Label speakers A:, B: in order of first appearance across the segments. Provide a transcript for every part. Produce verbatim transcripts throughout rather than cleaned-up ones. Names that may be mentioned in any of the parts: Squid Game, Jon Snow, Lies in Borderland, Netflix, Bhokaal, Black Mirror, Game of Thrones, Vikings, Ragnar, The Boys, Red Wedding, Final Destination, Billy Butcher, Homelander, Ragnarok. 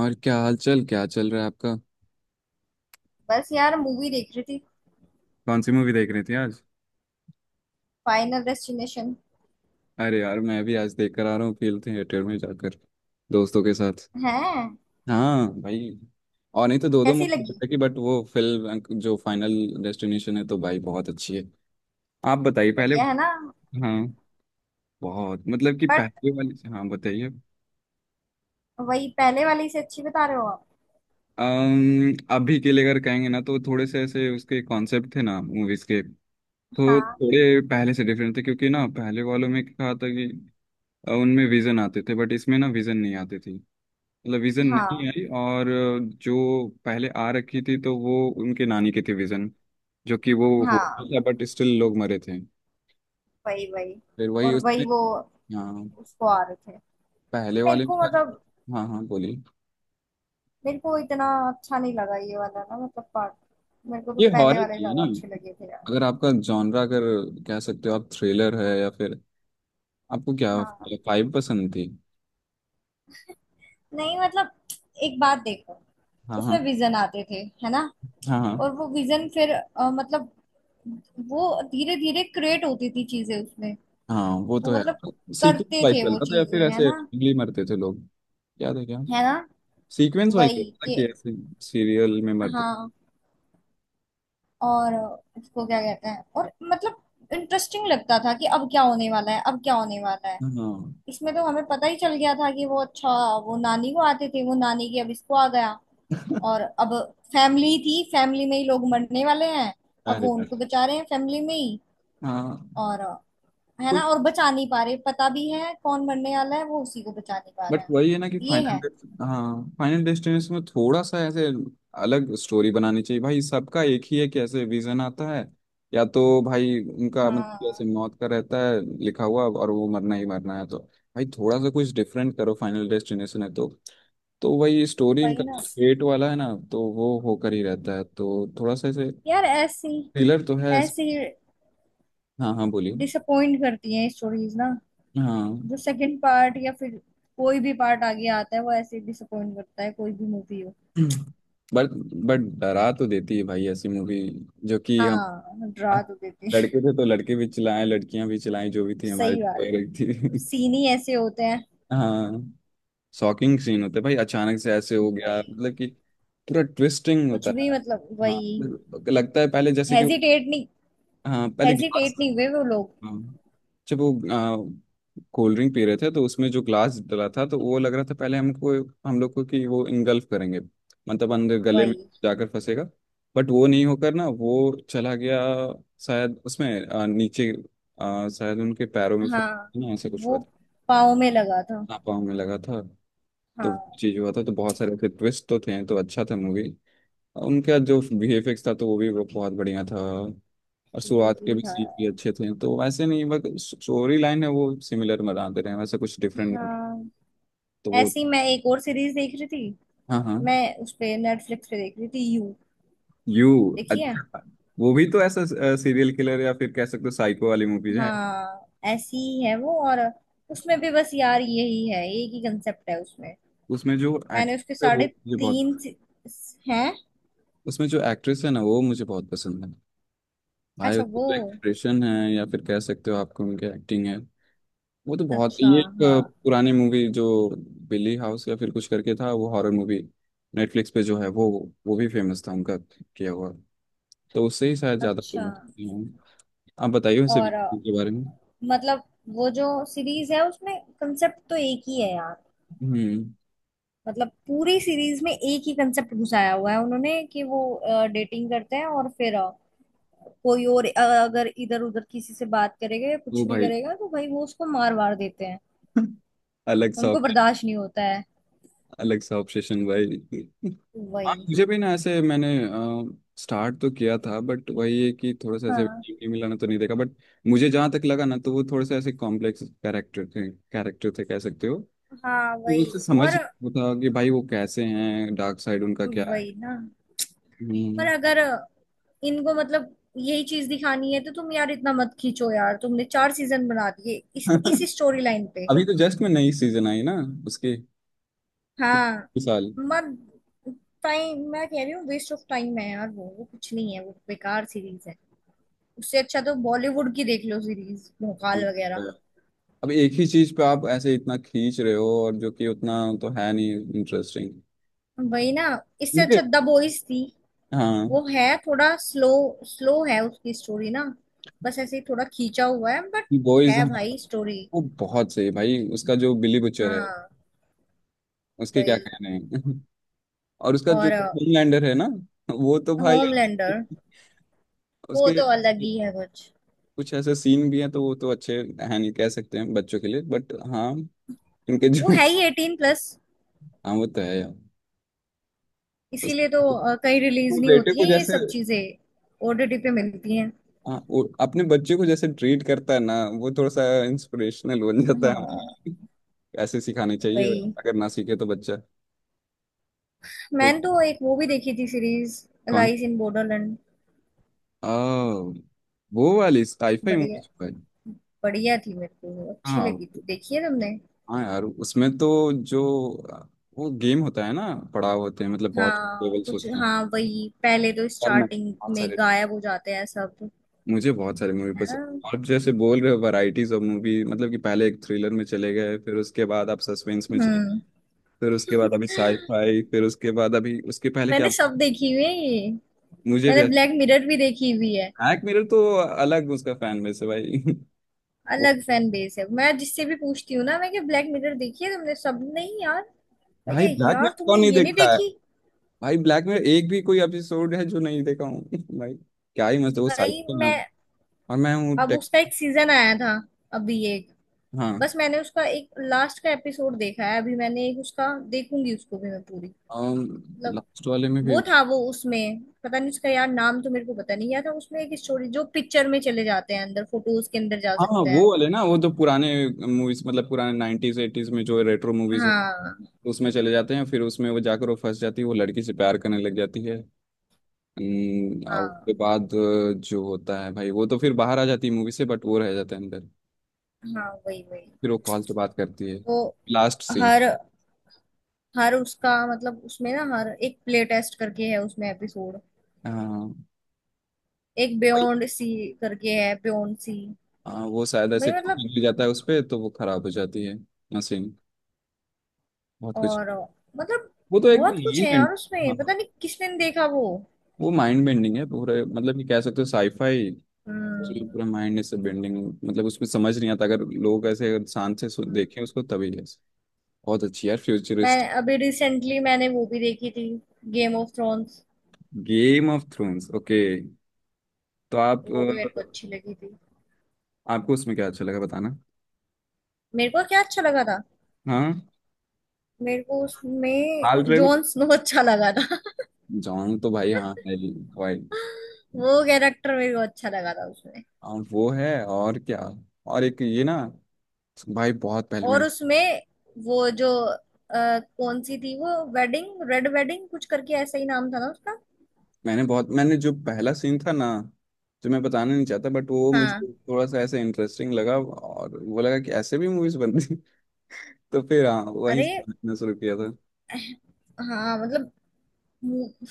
A: और क्या हाल चाल क्या चल रहा है आपका?
B: बस यार मूवी देख रही थी।
A: कौन सी मूवी देख रही थी आज?
B: फाइनल डेस्टिनेशन
A: अरे यार, मैं भी आज देख कर आ रहा हूँ, फिल्म थिएटर में जाकर दोस्तों के साथ।
B: है।
A: हाँ भाई। और नहीं तो दो दो
B: कैसी
A: मूवी
B: लगी?
A: देख की, बट वो फिल्म जो फाइनल डेस्टिनेशन है, तो भाई बहुत अच्छी है। आप बताइए पहले।
B: बढ़िया है ना?
A: हाँ। बहुत, मतलब कि
B: बट
A: पहले वाली हाँ बताइए।
B: वही पहले वाली से अच्छी बता रहे हो आप?
A: अम्म, अभी के लिए अगर कहेंगे ना, तो थोड़े से ऐसे उसके कॉन्सेप्ट थे ना मूवीज के। तो
B: हाँ
A: थोड़े पहले से डिफरेंट थे, क्योंकि ना पहले वालों में क्या था कि अ, उनमें विजन आते थे, बट इसमें ना विजन नहीं आती थी। मतलब विजन नहीं
B: हाँ
A: आई, और अ, जो पहले आ रखी थी, तो वो उनके नानी की थी विजन, जो कि वो हुआ
B: हाँ।
A: था, बट स्टिल लोग मरे थे।
B: वही वही।
A: फिर वही
B: और वही
A: उसमें।
B: वो
A: हाँ,
B: उसको आ रहे थे।
A: पहले
B: मेरे
A: वाले में
B: को
A: था।
B: मतलब,
A: हाँ हाँ बोलिए।
B: मेरे को इतना अच्छा नहीं लगा ये वाला ना, मतलब, पार्ट। मेरे को तो
A: ये
B: पहले
A: हॉरर
B: वाले
A: थी है ना।
B: ज्यादा अच्छे लगे थे यार।
A: अगर आपका जॉनरा, अगर कह सकते हो आप थ्रिलर है, या फिर आपको क्या
B: हाँ।
A: फाइव पसंद थी?
B: नहीं, मतलब एक बात देखो।
A: हाँ हाँ
B: उसमें विजन आते थे है ना?
A: हाँ हाँ
B: और वो विजन फिर अ, मतलब वो धीरे धीरे क्रिएट होती थी चीजें उसमें।
A: हाँ, वो
B: वो
A: तो है।
B: मतलब
A: सीक्रेट
B: करते
A: फाइव
B: थे
A: चल
B: वो
A: रहा था, या
B: चीजें
A: फिर
B: है
A: ऐसे
B: ना?
A: randomly मरते थे लोग। याद है क्या?
B: है ना?
A: सीक्वेंस वाइज
B: वही
A: होता है
B: कि
A: कि ऐसे सीरियल में मर्द।
B: हाँ। और उसको क्या कहते हैं, और मतलब इंटरेस्टिंग लगता था कि अब क्या होने वाला है, अब क्या होने वाला है।
A: हाँ
B: इसमें तो हमें पता ही चल गया था कि वो अच्छा वो नानी को आते थे, वो नानी की, अब इसको आ गया। और अब फैमिली थी, फैमिली में ही लोग मरने वाले हैं। अब
A: अरे
B: वो
A: यार,
B: उनको बचा रहे हैं फैमिली में ही।
A: हाँ।
B: और है
A: कोई,
B: ना, और बचा नहीं पा रहे, पता भी है कौन मरने वाला है वो उसी को बचा नहीं पा रहा
A: बट
B: है।
A: वही है ना कि
B: ये है।
A: फाइनल। हाँ, फाइनल डेस्टिनेशन में थोड़ा सा ऐसे अलग स्टोरी बनानी चाहिए भाई। सबका एक ही है कि ऐसे विजन आता है, या तो भाई उनका मतलब ऐसे
B: हाँ।
A: मौत का रहता है लिखा हुआ, और वो मरना ही मरना है। तो भाई थोड़ा सा कुछ डिफरेंट करो। फाइनल डेस्टिनेशन है तो तो वही स्टोरी, इनका
B: वही ना
A: फेट वाला है ना, तो वो होकर ही रहता है। तो थोड़ा सा ऐसे
B: यार। ऐसी
A: थ्रिलर तो है इस-
B: ऐसी
A: हाँ हाँ बोलिए।
B: डिसअपॉइंट करती हैं स्टोरीज ना।
A: हाँ,
B: जो सेकंड पार्ट या फिर कोई भी पार्ट आगे आता है, वो ऐसे डिसअपॉइंट करता है कोई भी मूवी हो।
A: बट बट डरा तो देती है भाई ऐसी मूवी। जो कि हम
B: हाँ डरा
A: हम
B: तो देती है।
A: लड़के थे, तो लड़के भी चिल्लाए, लड़कियां भी चिल्लाई, जो भी थी हमारे
B: सही बात
A: फेवरेट
B: है,
A: थी।
B: सीन ही ऐसे होते हैं।
A: हाँ। शॉकिंग सीन होते हैं भाई, अचानक से ऐसे हो गया,
B: वही।
A: मतलब कि पूरा ट्विस्टिंग
B: कुछ
A: होता
B: भी
A: है।
B: मतलब
A: हाँ,
B: वही।
A: मतलब लगता है पहले जैसे कि,
B: हेजिटेट नहीं
A: हाँ पहले गिलास।
B: हेजिटेट नहीं हुए वो लोग।
A: हाँ। जब वो कोल्ड ड्रिंक पी रहे थे, तो उसमें जो ग्लास डला था, तो वो लग रहा था पहले हमको, हम लोग को, कि वो इंगल्फ करेंगे, मतलब अंदर गले में
B: वही।
A: जाकर फंसेगा, बट वो नहीं होकर ना, वो चला गया। शायद उसमें अ, नीचे अ, शायद उनके पैरों में फंस
B: हाँ
A: ना, ऐसा कुछ हुआ
B: वो
A: था।
B: पाँव में लगा था।
A: ना पाँव में लगा था, तो
B: हाँ
A: चीज हुआ था, तो बहुत सारे ऐसे ट्विस्ट तो थे, तो अच्छा था मूवी। उनका जो वीएफएक्स था, तो वो भी बहुत बढ़िया था। और
B: ठीक
A: शुरुआत के
B: ही
A: भी
B: था।
A: सीन भी अच्छे थे, तो वैसे नहीं, बस स्टोरी लाइन है वो सिमिलर बनाते रहे हैं, वैसे कुछ डिफरेंट।
B: हाँ।
A: तो वो,
B: ऐसी मैं एक और सीरीज देख रही थी।
A: हाँ हाँ,
B: मैं उस पे नेटफ्लिक्स पे देख रही थी यू।
A: यू।
B: देखिए।
A: अच्छा, वो भी तो ऐसा सीरियल किलर, या फिर कह सकते हो साइको वाली मूवीज है।
B: हाँ ऐसी ही है वो। और उसमें भी बस यार यही है, एक ही कंसेप्ट है उसमें।
A: उसमें जो
B: मैंने उसके
A: एक्ट्रेस है वो
B: साढ़े
A: मुझे बहुत।
B: तीन सी- हैं।
A: उसमें जो एक्ट्रेस है ना, वो मुझे बहुत पसंद है। भाई
B: अच्छा
A: उसका
B: वो।
A: जो एक्सप्रेशन है, या फिर कह सकते हो आपको उनकी एक्टिंग है, वो तो बहुत।
B: अच्छा।
A: ये एक
B: हाँ।
A: अ, पुरानी मूवी, जो बिली हाउस या फिर कुछ करके था, वो हॉरर मूवी नेटफ्लिक्स पे जो है वो वो भी फेमस था उनका किया हुआ। तो उससे ही शायद ज्यादा
B: अच्छा।
A: फेमस हूँ। आप बताइए उनसे भी
B: और अ,
A: के बारे में।
B: मतलब वो जो सीरीज है उसमें कंसेप्ट तो एक ही है यार।
A: हम्म।
B: मतलब पूरी सीरीज में एक ही कंसेप्ट घुसाया हुआ है उन्होंने, कि वो डेटिंग करते हैं और फिर अ, कोई और अ, अगर इधर उधर किसी से बात करेगा या
A: वो
B: कुछ भी
A: भाई
B: करेगा तो भाई वो उसको मार वार देते हैं।
A: अलग सा
B: उनको
A: obsession-
B: बर्दाश्त नहीं होता है।
A: अलग सा ऑब्सेशन भाई। हाँ
B: वही।
A: मुझे भी ना, ऐसे मैंने स्टार्ट तो किया था, बट वही है कि थोड़ा सा ऐसे
B: हाँ
A: टीवी मिलाना तो नहीं देखा, बट मुझे जहाँ तक लगा ना, तो वो थोड़े से ऐसे कॉम्प्लेक्स कैरेक्टर थे, कैरेक्टर थे कह सकते हो।
B: हाँ। वही
A: उससे समझ
B: और
A: वो था कि भाई वो कैसे हैं, डार्क साइड उनका क्या है।
B: वही ना। पर
A: हम्म
B: अगर इनको मतलब यही चीज दिखानी है, तो तुम यार इतना मत खींचो यार। तुमने चार सीजन बना दिए इस इस स्टोरी लाइन पे।
A: अभी तो जस्ट में नई सीजन आई ना उसकी,
B: हाँ
A: इस
B: मत। टाइम मैं कह रही हूँ वेस्ट ऑफ टाइम है यार। वो वो कुछ नहीं है। वो बेकार सीरीज है। उससे अच्छा तो बॉलीवुड की देख लो, सीरीज भोकाल वगैरह।
A: साल। अब एक ही चीज पे आप ऐसे इतना खींच रहे हो, और जो कि उतना तो है नहीं इंटरेस्टिंग,
B: वही ना। इससे
A: क्योंकि
B: अच्छा द बॉयज थी।
A: हाँ।
B: वो है थोड़ा स्लो। स्लो है उसकी स्टोरी ना। बस ऐसे ही थोड़ा खींचा हुआ है, बट
A: बॉयज,
B: है
A: हाँ
B: भाई स्टोरी।
A: वो बहुत सही भाई। उसका जो बिली बुचर है,
B: हाँ
A: उसके क्या
B: वही।
A: कहने हैं और उसका जो
B: और
A: होमलैंडर है ना, वो तो भाई
B: होमलैंडर
A: उसके
B: वो तो अलग
A: ऐसे-
B: ही है कुछ।
A: कुछ ऐसे सीन भी हैं, तो वो तो अच्छे हैं, नहीं कह सकते हैं बच्चों के लिए, बट हाँ इनके
B: वो
A: जो
B: है ही एटीन प्लस।
A: हाँ वो तो है यार। उस
B: इसीलिए तो अ, कहीं रिलीज
A: वो
B: नहीं
A: बेटे
B: होती
A: को
B: है ये
A: जैसे,
B: सब चीजें। ओटीटी पे मिलती हैं।
A: हाँ वो अपने बच्चे को जैसे ट्रीट करता है ना, वो थोड़ा सा इंस्पिरेशनल बन जाता
B: हाँ
A: है। ऐसे सिखाने चाहिए,
B: वही।
A: अगर ना सीखे तो बच्चा। कोई-
B: मैंने तो एक वो भी देखी थी सीरीज।
A: कौन?
B: लाइस इन बॉर्डरलैंड।
A: आ, वो वाली साइफाई
B: बढ़िया।
A: मूवी?
B: बढ़िया थी, मेरे को वो अच्छी
A: हाँ
B: लगी थी। देखी है तुमने?
A: हाँ यार, उसमें तो जो वो गेम होता है ना, पड़ाव होते हैं, मतलब बहुत
B: हाँ
A: लेवल्स
B: कुछ
A: होते हैं।
B: हाँ वही, पहले तो
A: यार मैं
B: स्टार्टिंग
A: बहुत
B: में
A: सारे
B: गायब हो जाते हैं सब।
A: मुझे बहुत सारे मूवी
B: है
A: पसंद।
B: ना?
A: आप जैसे बोल रहे हो वैरायटीज ऑफ मूवी, मतलब कि पहले एक थ्रिलर में चले गए, फिर उसके बाद आप सस्पेंस में चले,
B: हम्म।
A: फिर उसके बाद अभी साईफाई, फिर उसके बाद अभी उसके पहले क्या।
B: मैंने सब देखी हुई है ये।
A: मुझे भी।
B: मैंने ब्लैक मिरर भी देखी हुई है।
A: ब्लैक मिरर तो अलग उसका फैन बेस है भाई वो
B: अलग फैन बेस है, मैं जिससे भी पूछती हूँ ना, मैं कि ब्लैक मिरर देखी है तुमने? सब नहीं यार।
A: भाई,
B: अरे
A: ब्लैक में
B: यार तुमने
A: कौन नहीं
B: ये नहीं
A: देखता है।
B: देखी?
A: भाई, ब्लैक में एक भी कोई एपिसोड है जो नहीं देखा हूँ भाई। क्या ही मस्त है वो
B: भाई
A: साइकिल
B: मैं।
A: नाम, और मैं हूँ
B: अब
A: टेक।
B: उसका एक सीजन आया था अभी एक।
A: हाँ,
B: बस मैंने उसका एक लास्ट का एपिसोड देखा है, अभी मैंने एक उसका। देखूंगी उसको भी मैं पूरी। मतलब
A: लास्ट वाले में भी।
B: वो था, वो उसमें पता नहीं उसका यार नाम तो मेरे को पता नहीं याद था, उसमें एक स्टोरी जो पिक्चर में चले जाते हैं अंदर, फोटोज के अंदर जा
A: हाँ
B: सकते
A: वो
B: हैं।
A: वाले ना, वो तो पुराने मूवीज, मतलब पुराने नाइनटीज एटीज में जो रेट्रो मूवीज हो,
B: हाँ
A: उसमें चले जाते हैं। फिर उसमें वो जाकर वो फंस जाती है, वो लड़की से प्यार करने लग जाती है। हम्म, और
B: हाँ
A: उसके बाद अ, जो होता है भाई, वो तो फिर बाहर आ जाती है मूवी से, बट वो रह जाता है अंदर।
B: हाँ। वही वही।
A: फिर वो कॉल से बात करती है,
B: तो
A: लास्ट सीन।
B: हर हर उसका मतलब उसमें ना हर एक प्ले टेस्ट करके है उसमें एपिसोड।
A: हाँ
B: एक बियॉन्ड सी करके है, बियॉन्ड सी।
A: हाँ, वो शायद ऐसे
B: भाई मतलब
A: कॉफी मिल जाता है उस पे, तो वो खराब हो जाती है मशीन। बहुत कुछ,
B: और मतलब
A: वो तो एक
B: बहुत कुछ
A: माइंड
B: है
A: बेंड।
B: यार उसमें,
A: हाँ,
B: पता नहीं किसने नहीं देखा वो।
A: वो माइंड बेंडिंग है पूरे, मतलब कि कह सकते हो साईफाई, उसमें
B: हम्म
A: पूरा माइंड से बेंडिंग। मतलब उसमें समझ नहीं आता, अगर लोग ऐसे, अगर शांत से सु-
B: हम्म।
A: देखें उसको तभी ऐसे। बहुत अच्छी यार,
B: मैं
A: फ्यूचरिस्ट।
B: अभी रिसेंटली मैंने वो भी देखी थी, Game of Thrones.
A: Game of Thrones, okay. तो आप
B: वो भी मेरे को
A: अ,
B: अच्छी लगी थी।
A: आपको उसमें क्या अच्छा लगा, बताना।
B: मेरे को क्या अच्छा लगा था?
A: हाँ,
B: मेरे को उसमें
A: हाल ट्रेगो।
B: जॉन स्नो अच्छा लगा था।
A: जॉन तो भाई हाँ है ही, भाई।
B: वो कैरेक्टर मेरे को अच्छा लगा था उसमें।
A: और वो है और क्या, और एक ये ना, भाई बहुत पहले
B: और
A: मैंने,
B: उसमें वो जो अ, कौन सी थी वो वेडिंग, रेड वेडिंग कुछ करके ऐसा ही नाम था ना उसका।
A: मैंने बहुत, मैंने जो पहला सीन था ना, जो मैं बताना नहीं चाहता, बट वो मुझे
B: हाँ।
A: थोड़ा सा ऐसे इंटरेस्टिंग लगा, और वो लगा कि ऐसे भी मूवीज बनती हैं। तो फिर हाँ, वहीं
B: अरे
A: से देखना शुरू किया था।
B: हाँ मतलब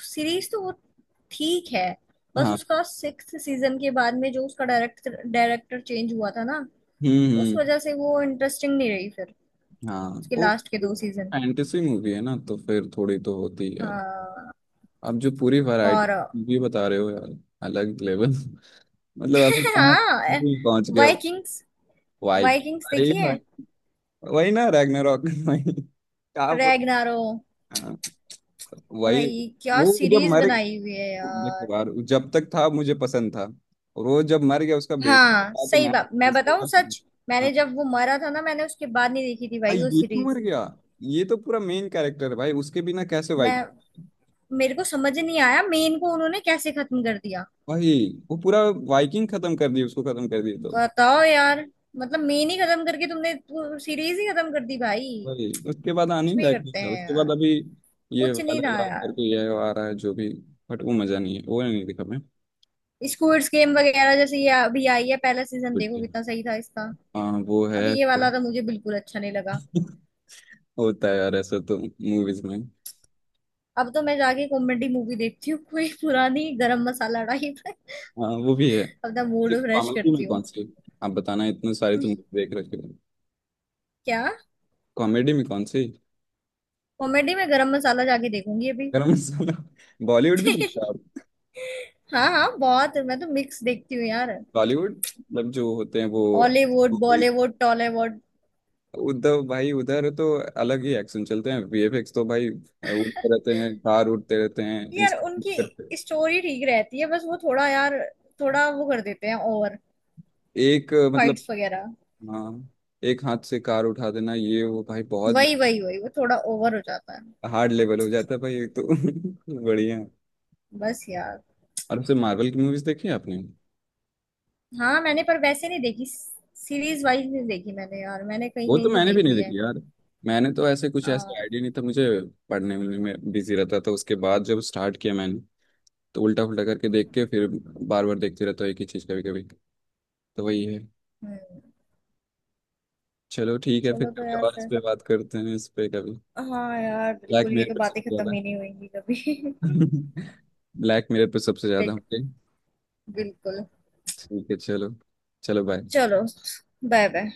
B: सीरीज तो वो ठीक है। बस
A: हाँ,
B: उसका सिक्स सीजन के बाद में जो उसका डायरेक्टर डायरेक्टर चेंज हुआ था ना,
A: हम्म
B: उस
A: हम्म।
B: वजह से वो इंटरेस्टिंग नहीं रही फिर
A: हाँ,
B: उसके
A: वो
B: लास्ट के दो सीजन।
A: फैंटेसी मूवी है ना, तो फिर थोड़ी तो होती है।
B: हाँ
A: अब जो पूरी वैरायटी
B: और।
A: मूवी बता रहे हो यार, अलग लेवल मतलब अब कहाँ
B: हाँ
A: पहुंच गया।
B: वाइकिंग्स।
A: वाई।
B: वाइकिंग्स
A: अरे
B: देखिए।
A: भाई, वही ना रैग्नारॉक वही आप
B: रैग्नारो।
A: वही।
B: भाई क्या
A: वो जब
B: सीरीज
A: मर
B: बनाई हुई है यार।
A: देखो यार, जब तक था मुझे पसंद था, और वो जब मर गया, उसका बेटा
B: हाँ
A: था, तो
B: सही
A: मैं
B: बात मैं
A: उसके
B: बताऊं
A: बाद।
B: सच। मैंने
A: हाँ
B: जब वो मरा था ना, मैंने उसके बाद नहीं देखी थी
A: हाँ,
B: भाई वो
A: ये क्यों मर
B: सीरीज।
A: गया? ये तो पूरा मेन कैरेक्टर है भाई, उसके बिना कैसे
B: मैं
A: वाइकिंग।
B: मेरे को समझ नहीं आया मेन को उन्होंने कैसे खत्म कर दिया।
A: भाई, वो पूरा वाइकिंग खत्म कर दी, उसको खत्म कर दी, तो
B: बताओ यार। मतलब मेन ही खत्म करके तुमने सीरीज ही खत्म कर दी भाई।
A: भाई उसके बाद आने
B: कुछ
A: ही
B: भी
A: लायक नहीं
B: करते
A: था,
B: हैं
A: उसके बाद
B: यार।
A: अभी ये
B: कुछ नहीं था
A: वाला
B: यार।
A: करके ये आ रहा है जो भी, बट वो मजा नहीं है, वो नहीं दिखा मैं।
B: स्क्विड गेम वगैरह जैसे ये अभी आई है, पहला सीजन देखो
A: बिल्कुल,
B: कितना सही था इसका।
A: हाँ वो है
B: अब ये वाला तो मुझे बिल्कुल अच्छा नहीं लगा।
A: होता है यार ऐसा तो मूवीज में।
B: अब तो मैं जाके कॉमेडी मूवी देखती हूँ, कोई पुरानी गरम मसाला टाइप।
A: हाँ, वो भी है।
B: अपना मूड
A: सिर्फ
B: फ्रेश
A: कॉमेडी
B: करती
A: में कौन
B: हूँ।
A: सी, आप बताना, इतने सारे तुम देख रखे हो।
B: क्या?
A: कॉमेडी में कौन सी?
B: कॉमेडी में गरम मसाला जाके देखूंगी अभी।
A: गरम मसाला, बॉलीवुड भी देखते हो आप।
B: हाँ हाँ बहुत, मैं तो मिक्स देखती हूँ यार।
A: बॉलीवुड मतलब, जो होते हैं वो
B: हॉलीवुड बॉलीवुड टॉलीवुड।
A: उद्धव भाई, उधर तो अलग ही एक्शन चलते हैं, वीएफएक्स तो भाई उड़ते रहते हैं, कार उड़ते रहते हैं,
B: यार
A: इंसान करते हैं।
B: उनकी स्टोरी ठीक रहती है, बस वो थोड़ा यार, थोड़ा वो कर देते हैं ओवर।
A: एक मतलब,
B: फाइट्स वगैरह।
A: हाँ एक हाथ से कार उठा देना, ये वो भाई बहुत
B: वही वही वही वो थोड़ा ओवर हो जाता है।
A: हार्ड लेवल हो जाता है, भाई ये तो बढ़िया।
B: बस यार।
A: और उससे मार्वल की मूवीज देखी है आपने।
B: हाँ मैंने, पर वैसे नहीं देखी। सीरीज वाइज नहीं देखी मैंने यार। मैंने कहीं
A: वो तो
B: कहीं से
A: मैंने भी
B: देख
A: नहीं
B: ली है।
A: देखी यार। मैंने तो ऐसे कुछ ऐसा
B: हाँ।
A: आइडिया नहीं था मुझे, पढ़ने में, में बिजी रहता था। उसके बाद जब स्टार्ट किया मैंने, तो उल्टा फुल्टा करके देख के फिर बार बार देखते रहता हूँ एक ही चीज कभी कभी, तो वही है।
B: हम्म।
A: चलो, ठीक है, फिर
B: चलो तो
A: कभी
B: यार
A: और इस
B: फिर।
A: पे बात करते हैं, इस पे कभी।
B: हाँ यार
A: ब्लैक
B: बिल्कुल, ये
A: मिरर
B: तो
A: पे
B: बातें
A: सबसे
B: खत्म
A: ज्यादा
B: ही नहीं होंगी कभी।
A: ब्लैक मिरर पे सबसे ज्यादा
B: देख
A: होते हैं।
B: बिल्कुल।
A: ठीक है, चलो। चलो बाय।
B: चलो। Bye bye.